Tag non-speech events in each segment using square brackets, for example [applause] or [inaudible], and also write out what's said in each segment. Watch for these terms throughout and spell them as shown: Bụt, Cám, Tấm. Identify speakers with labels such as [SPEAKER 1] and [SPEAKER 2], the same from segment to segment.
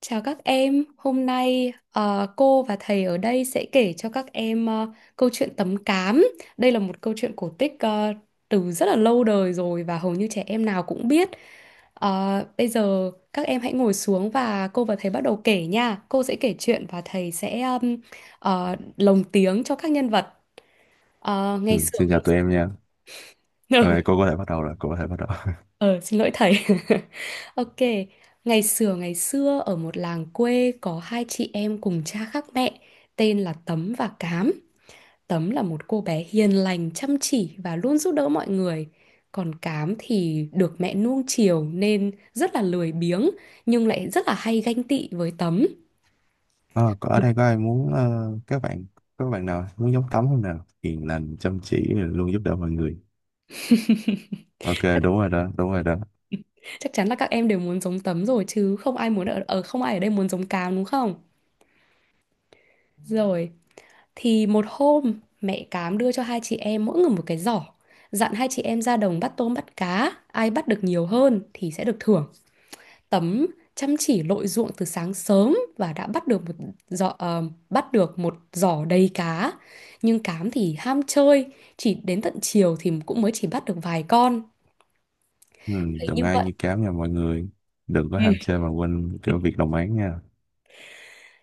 [SPEAKER 1] Chào các em, hôm nay cô và thầy ở đây sẽ kể cho các em câu chuyện Tấm Cám. Đây là một câu chuyện cổ tích từ rất là lâu đời rồi và hầu như trẻ em nào cũng biết. Bây giờ các em hãy ngồi xuống và cô và thầy bắt đầu kể nha. Cô sẽ kể chuyện và thầy sẽ lồng tiếng cho các nhân vật. Ngày
[SPEAKER 2] Ừ,
[SPEAKER 1] xưa
[SPEAKER 2] Xin
[SPEAKER 1] ngày
[SPEAKER 2] chào tụi em nha. Ờ,
[SPEAKER 1] [laughs]
[SPEAKER 2] cô có thể bắt đầu rồi, cô có thể bắt đầu.
[SPEAKER 1] Ờ, xin lỗi thầy. [laughs] Ok, ngày xưa ở một làng quê có hai chị em cùng cha khác mẹ, tên là Tấm và Cám. Tấm là một cô bé hiền lành, chăm chỉ và luôn giúp đỡ mọi người. Còn Cám thì được mẹ nuông chiều nên rất là lười biếng, nhưng lại rất là hay ganh tị với Tấm.
[SPEAKER 2] Ờ, có ở đây có
[SPEAKER 1] [laughs]
[SPEAKER 2] ai muốn các bạn nào muốn giống Tấm không nào? Hiền lành, chăm chỉ, luôn giúp đỡ mọi người. Ok, đúng rồi đó, đúng rồi đó.
[SPEAKER 1] Chắc chắn là các em đều muốn giống Tấm rồi, chứ không ai muốn ở, ở không ai ở đây muốn giống Cám đúng không? Rồi, thì một hôm mẹ Cám đưa cho hai chị em mỗi người một cái giỏ, dặn hai chị em ra đồng bắt tôm bắt cá. Ai bắt được nhiều hơn thì sẽ được thưởng. Tấm chăm chỉ lội ruộng từ sáng sớm và đã bắt được một giỏ ờ, bắt được một giỏ đầy cá. Nhưng Cám thì ham chơi, chỉ đến tận chiều thì cũng mới chỉ bắt được vài con.
[SPEAKER 2] Ừ,
[SPEAKER 1] Thế
[SPEAKER 2] đừng
[SPEAKER 1] như
[SPEAKER 2] ai
[SPEAKER 1] vậy,
[SPEAKER 2] như cám nha mọi người. Đừng có
[SPEAKER 1] ừ.
[SPEAKER 2] ham chơi mà quên cái việc đồng áng nha.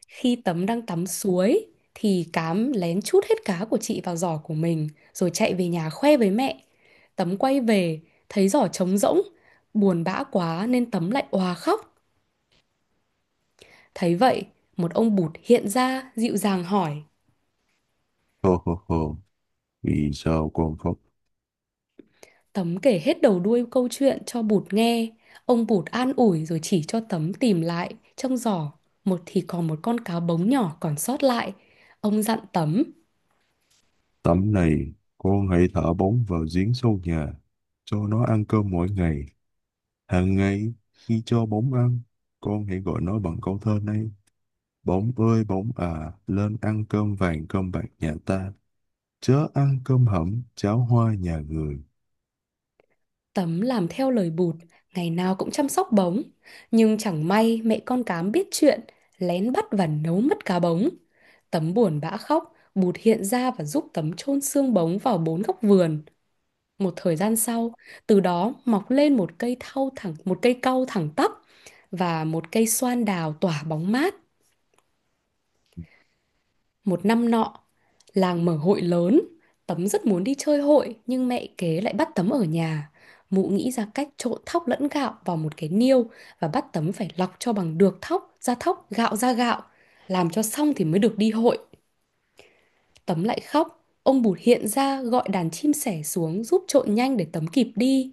[SPEAKER 1] Khi Tấm đang tắm suối thì Cám lén trút hết cá của chị vào giỏ của mình rồi chạy về nhà khoe với mẹ. Tấm quay về thấy giỏ trống rỗng, buồn bã quá nên Tấm lại òa khóc. Thấy vậy, một ông Bụt hiện ra dịu dàng hỏi.
[SPEAKER 2] Hô hô hô, vì sao con khóc?
[SPEAKER 1] Tấm kể hết đầu đuôi câu chuyện cho Bụt nghe. Ông Bụt an ủi rồi chỉ cho Tấm tìm lại trong giỏ. Một thì còn một con cá bống nhỏ còn sót lại. Ông dặn Tấm.
[SPEAKER 2] Tấm này, con hãy thả bóng vào giếng sâu nhà, cho nó ăn cơm mỗi ngày. Hàng ngày, khi cho bóng ăn, con hãy gọi nó bằng câu thơ này. Bỗng ơi bỗng à, lên ăn cơm vàng cơm bạc nhà ta, chớ ăn cơm hẩm cháo hoa nhà người.
[SPEAKER 1] Tấm làm theo lời Bụt, ngày nào cũng chăm sóc bóng. Nhưng chẳng may mẹ con Cám biết chuyện, lén bắt và nấu mất cá bóng. Tấm buồn bã khóc, Bụt hiện ra và giúp Tấm chôn xương bóng vào bốn góc vườn. Một thời gian sau, từ đó mọc lên một cây thau thẳng, một cây cau thẳng tắp và một cây xoan đào tỏa bóng mát. Một năm nọ, làng mở hội lớn, Tấm rất muốn đi chơi hội nhưng mẹ kế lại bắt Tấm ở nhà. Mụ nghĩ ra cách trộn thóc lẫn gạo vào một cái niêu và bắt Tấm phải lọc cho bằng được thóc ra thóc, gạo ra gạo. Làm cho xong thì mới được đi hội. Tấm lại khóc. Ông Bụt hiện ra gọi đàn chim sẻ xuống giúp trộn nhanh để Tấm kịp đi.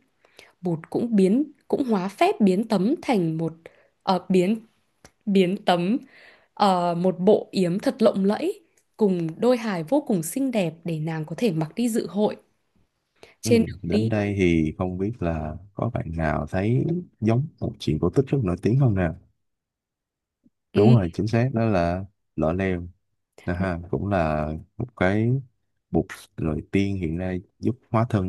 [SPEAKER 1] Bụt cũng hóa phép biến Tấm thành một, ờ, biến biến tấm một bộ yếm thật lộng lẫy cùng đôi hài vô cùng xinh đẹp để nàng có thể mặc đi dự hội.
[SPEAKER 2] Ừ,
[SPEAKER 1] Trên đường
[SPEAKER 2] đến
[SPEAKER 1] đi,
[SPEAKER 2] đây thì không biết là có bạn nào thấy giống một chuyện cổ tích rất nổi tiếng không nè?
[SPEAKER 1] ừ,
[SPEAKER 2] Đúng rồi, chính xác đó là Lọ Lem. À ha, cũng là một cái bộ lời tiên hiện nay giúp hóa thân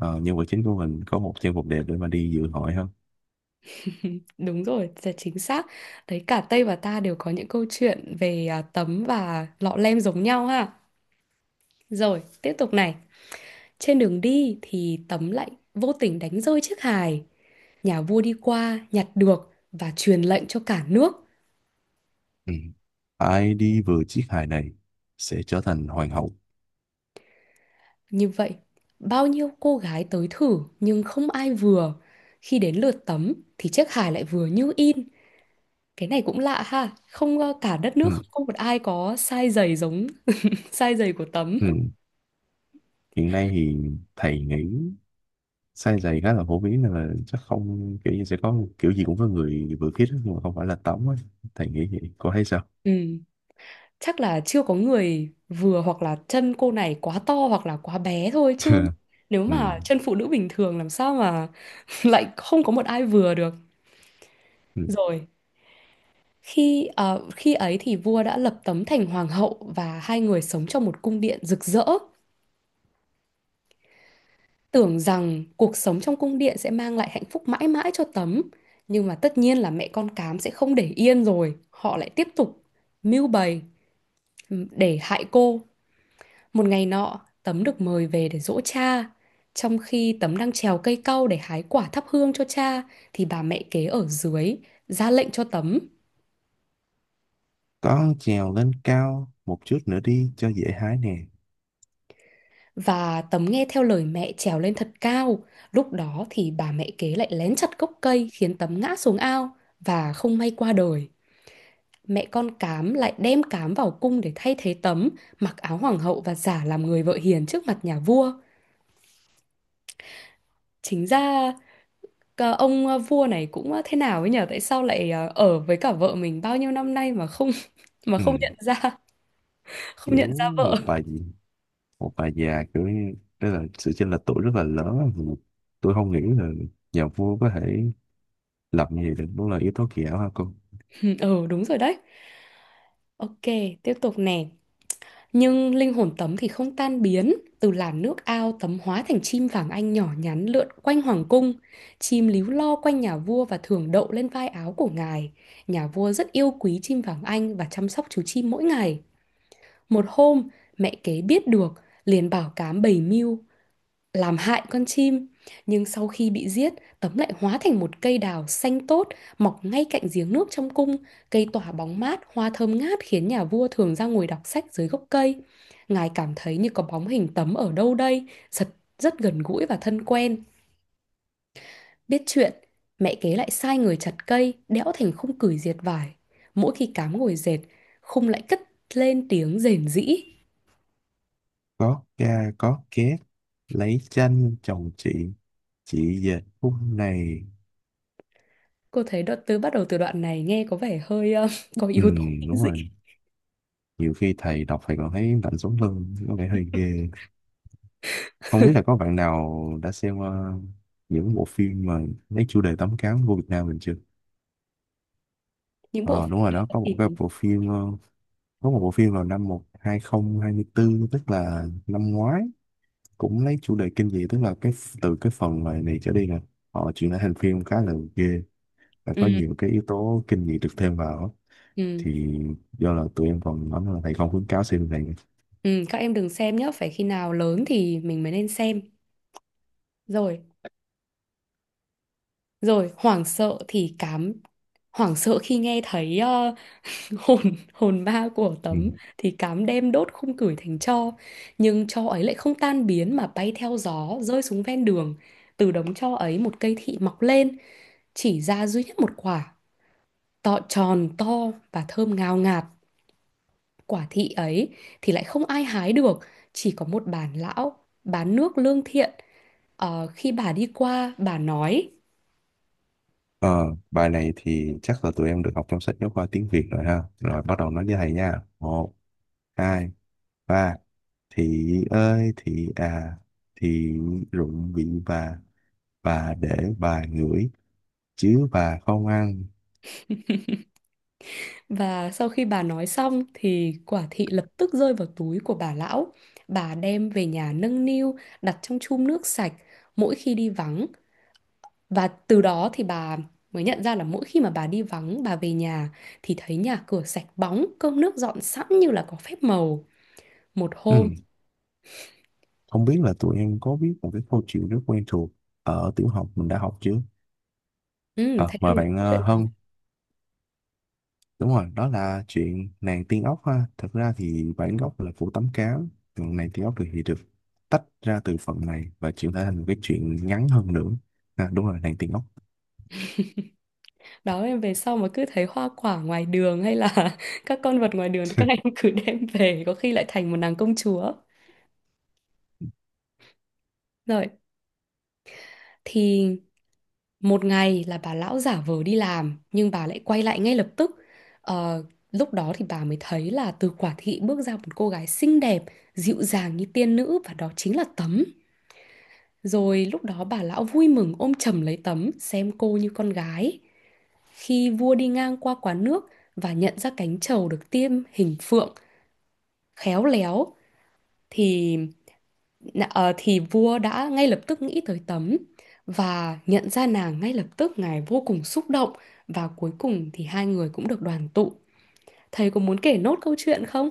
[SPEAKER 2] nhân vật chính của mình có một trang phục đẹp để mà đi dự hội hơn.
[SPEAKER 1] đúng rồi, là chính xác đấy. Cả Tây và ta đều có những câu chuyện về Tấm và Lọ Lem giống nhau ha. Rồi tiếp tục này, trên đường đi thì Tấm lại vô tình đánh rơi chiếc hài. Nhà vua đi qua nhặt được và truyền lệnh cho cả nước.
[SPEAKER 2] Ừ. Ai đi vừa chiếc hài này sẽ trở thành hoàng hậu.
[SPEAKER 1] Như vậy, bao nhiêu cô gái tới thử nhưng không ai vừa. Khi đến lượt Tấm thì chiếc hài lại vừa như in. Cái này cũng lạ ha, không cả đất
[SPEAKER 2] Ừ.
[SPEAKER 1] nước không có một ai có size giày giống [laughs] size giày của Tấm.
[SPEAKER 2] Ừ, hiện nay thì thầy nghĩ size giày khá là phổ biến nên là chắc không kiểu như sẽ có kiểu gì cũng có người vừa khít á, nhưng mà không phải là tống ấy, thầy nghĩ vậy cô thấy sao?
[SPEAKER 1] Ừ, chắc là chưa có người vừa, hoặc là chân cô này quá to hoặc là quá bé thôi chứ.
[SPEAKER 2] [laughs]
[SPEAKER 1] Nếu
[SPEAKER 2] Ừ.
[SPEAKER 1] mà chân phụ nữ bình thường làm sao mà [laughs] lại không có một ai vừa được.
[SPEAKER 2] Ừ.
[SPEAKER 1] Rồi, khi khi ấy thì vua đã lập Tấm thành hoàng hậu và hai người sống trong một cung điện rực rỡ, tưởng rằng cuộc sống trong cung điện sẽ mang lại hạnh phúc mãi mãi cho Tấm. Nhưng mà tất nhiên là mẹ con Cám sẽ không để yên rồi, họ lại tiếp tục mưu bày để hại cô. Một ngày nọ, Tấm được mời về để giỗ cha. Trong khi Tấm đang trèo cây cau để hái quả thắp hương cho cha thì bà mẹ kế ở dưới ra lệnh cho Tấm.
[SPEAKER 2] Con trèo lên cao một chút nữa đi cho dễ hái nè.
[SPEAKER 1] Và Tấm nghe theo lời mẹ trèo lên thật cao. Lúc đó thì bà mẹ kế lại lén chặt gốc cây khiến Tấm ngã xuống ao và không may qua đời. Mẹ con Cám lại đem Cám vào cung để thay thế Tấm, mặc áo hoàng hậu và giả làm người vợ hiền trước mặt nhà vua. Chính ra vua này cũng thế nào ấy nhở? Tại sao lại ở với cả vợ mình bao nhiêu năm nay mà không [laughs] mà
[SPEAKER 2] Ừ.
[SPEAKER 1] không không
[SPEAKER 2] Kiểu
[SPEAKER 1] nhận ra vợ.
[SPEAKER 2] một bà gì một bà già kiểu như, tức là sự chênh lệch tuổi rất là lớn á. Ừ. Tôi không nghĩ là nhà vua có thể lập như vậy được, đúng là yếu tố kỳ ảo ha cô.
[SPEAKER 1] [laughs] Ừ, đúng rồi đấy. Ok, tiếp tục nè. Nhưng linh hồn Tấm thì không tan biến, từ làn nước ao Tấm hóa thành chim vàng anh nhỏ nhắn lượn quanh hoàng cung. Chim líu lo quanh nhà vua và thường đậu lên vai áo của ngài. Nhà vua rất yêu quý chim vàng anh và chăm sóc chú chim mỗi ngày. Một hôm, mẹ kế biết được, liền bảo Cám bày mưu làm hại con chim. Nhưng sau khi bị giết, Tấm lại hóa thành một cây đào xanh tốt, mọc ngay cạnh giếng nước trong cung. Cây tỏa bóng mát, hoa thơm ngát khiến nhà vua thường ra ngồi đọc sách dưới gốc cây. Ngài cảm thấy như có bóng hình Tấm ở đâu đây, rất, rất gần gũi và thân quen. Biết chuyện, mẹ kế lại sai người chặt cây, đẽo thành khung cửi diệt vải. Mỗi khi Cám ngồi dệt, khung lại cất lên tiếng rền rĩ.
[SPEAKER 2] Có ca có két, lấy chanh chồng chị về khúc này.
[SPEAKER 1] Cô thấy đoạn từ bắt đầu từ đoạn này nghe có vẻ hơi có
[SPEAKER 2] Ừ,
[SPEAKER 1] yếu tố kinh
[SPEAKER 2] đúng
[SPEAKER 1] dị.
[SPEAKER 2] rồi, nhiều khi thầy đọc thầy còn thấy lạnh sống lưng, có vẻ hơi ghê. Không biết là có bạn nào đã xem những bộ phim mà lấy chủ đề tấm cám của Việt Nam mình chưa?
[SPEAKER 1] Những bộ
[SPEAKER 2] Ờ đúng
[SPEAKER 1] phim
[SPEAKER 2] rồi
[SPEAKER 1] đó
[SPEAKER 2] đó,
[SPEAKER 1] thì
[SPEAKER 2] có một bộ phim vào năm 2024 tức là năm ngoái, cũng lấy chủ đề kinh dị, tức là cái từ cái phần này, này trở đi nè, họ chuyển lại thành phim khá là ghê và có
[SPEAKER 1] ừ,
[SPEAKER 2] nhiều cái yếu tố kinh dị được thêm vào á.
[SPEAKER 1] ừ,
[SPEAKER 2] Thì do là tụi em còn nói là thầy không khuyến cáo xem này.
[SPEAKER 1] ừ, các em đừng xem nhé, phải khi nào lớn thì mình mới nên xem. Rồi, rồi hoảng sợ thì Cám hoảng sợ khi nghe thấy [laughs] hồn hồn ma của
[SPEAKER 2] Ừ.
[SPEAKER 1] Tấm thì Cám đem đốt khung cửi thành tro, nhưng tro ấy lại không tan biến mà bay theo gió rơi xuống ven đường. Từ đống tro ấy một cây thị mọc lên, chỉ ra duy nhất một quả tròn to và thơm ngào ngạt. Quả thị ấy thì lại không ai hái được, chỉ có một bà lão bán nước lương thiện. Khi bà đi qua bà nói.
[SPEAKER 2] Ờ, bài này thì chắc là tụi em được học trong sách giáo khoa tiếng Việt rồi ha. Rồi bắt đầu nói với thầy nha. Một, hai, ba. Thị ơi, thị à, thị rụng bị bà để bà ngửi, chứ bà không ăn.
[SPEAKER 1] Và sau khi bà nói xong thì quả thị lập tức rơi vào túi của bà lão. Bà đem về nhà nâng niu, đặt trong chum nước sạch mỗi khi đi vắng. Và từ đó thì bà mới nhận ra là mỗi khi mà bà đi vắng bà về nhà thì thấy nhà cửa sạch bóng, cơm nước dọn sẵn như là có phép màu. Một
[SPEAKER 2] Ừ.
[SPEAKER 1] hôm,
[SPEAKER 2] Không biết là tụi em có biết một cái câu chuyện rất quen thuộc ở tiểu học mình đã học chưa?
[SPEAKER 1] ừ,
[SPEAKER 2] Ờ,
[SPEAKER 1] thầy đang
[SPEAKER 2] mời
[SPEAKER 1] nói
[SPEAKER 2] bạn
[SPEAKER 1] câu chuyện đó.
[SPEAKER 2] Hân. Đúng rồi, đó là chuyện nàng tiên ốc ha. Thật ra thì bản gốc là Phủ Tấm Cám, còn nàng tiên ốc thì được tách ra từ phần này và chuyển thể thành một cái chuyện ngắn hơn nữa. À, đúng rồi, nàng tiên ốc.
[SPEAKER 1] Đó, em về sau mà cứ thấy hoa quả ngoài đường hay là [laughs] các con vật ngoài đường thì các em
[SPEAKER 2] [laughs]
[SPEAKER 1] cứ đem về, có khi lại thành một nàng công chúa. Rồi, thì một ngày là bà lão giả vờ đi làm nhưng bà lại quay lại ngay lập tức. Ờ, Lúc đó thì bà mới thấy là từ quả thị bước ra một cô gái xinh đẹp dịu dàng như tiên nữ, và đó chính là Tấm. Rồi lúc đó bà lão vui mừng ôm chầm lấy Tấm, xem cô như con gái. Khi vua đi ngang qua quán nước và nhận ra cánh trầu được tiêm hình phượng khéo léo thì ờ, thì vua đã ngay lập tức nghĩ tới Tấm và nhận ra nàng ngay lập tức. Ngài vô cùng xúc động và cuối cùng thì hai người cũng được đoàn tụ. Thầy có muốn kể nốt câu chuyện không?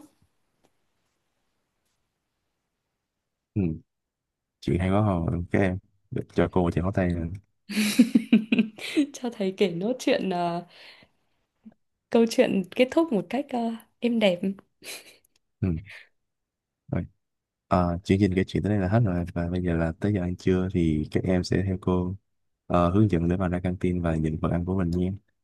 [SPEAKER 2] Ừ, chuyện hay quá hồi, các em. Để cho cô chào tay nè.
[SPEAKER 1] [laughs] Cho thầy kể nốt câu chuyện kết thúc một cách êm đẹp.
[SPEAKER 2] Ừ, rồi. Ờ, chương trình kể chuyện tới đây là hết rồi và bây giờ là tới giờ ăn trưa thì các em sẽ theo cô hướng dẫn để mà ra căng tin và nhận phần ăn của mình nha.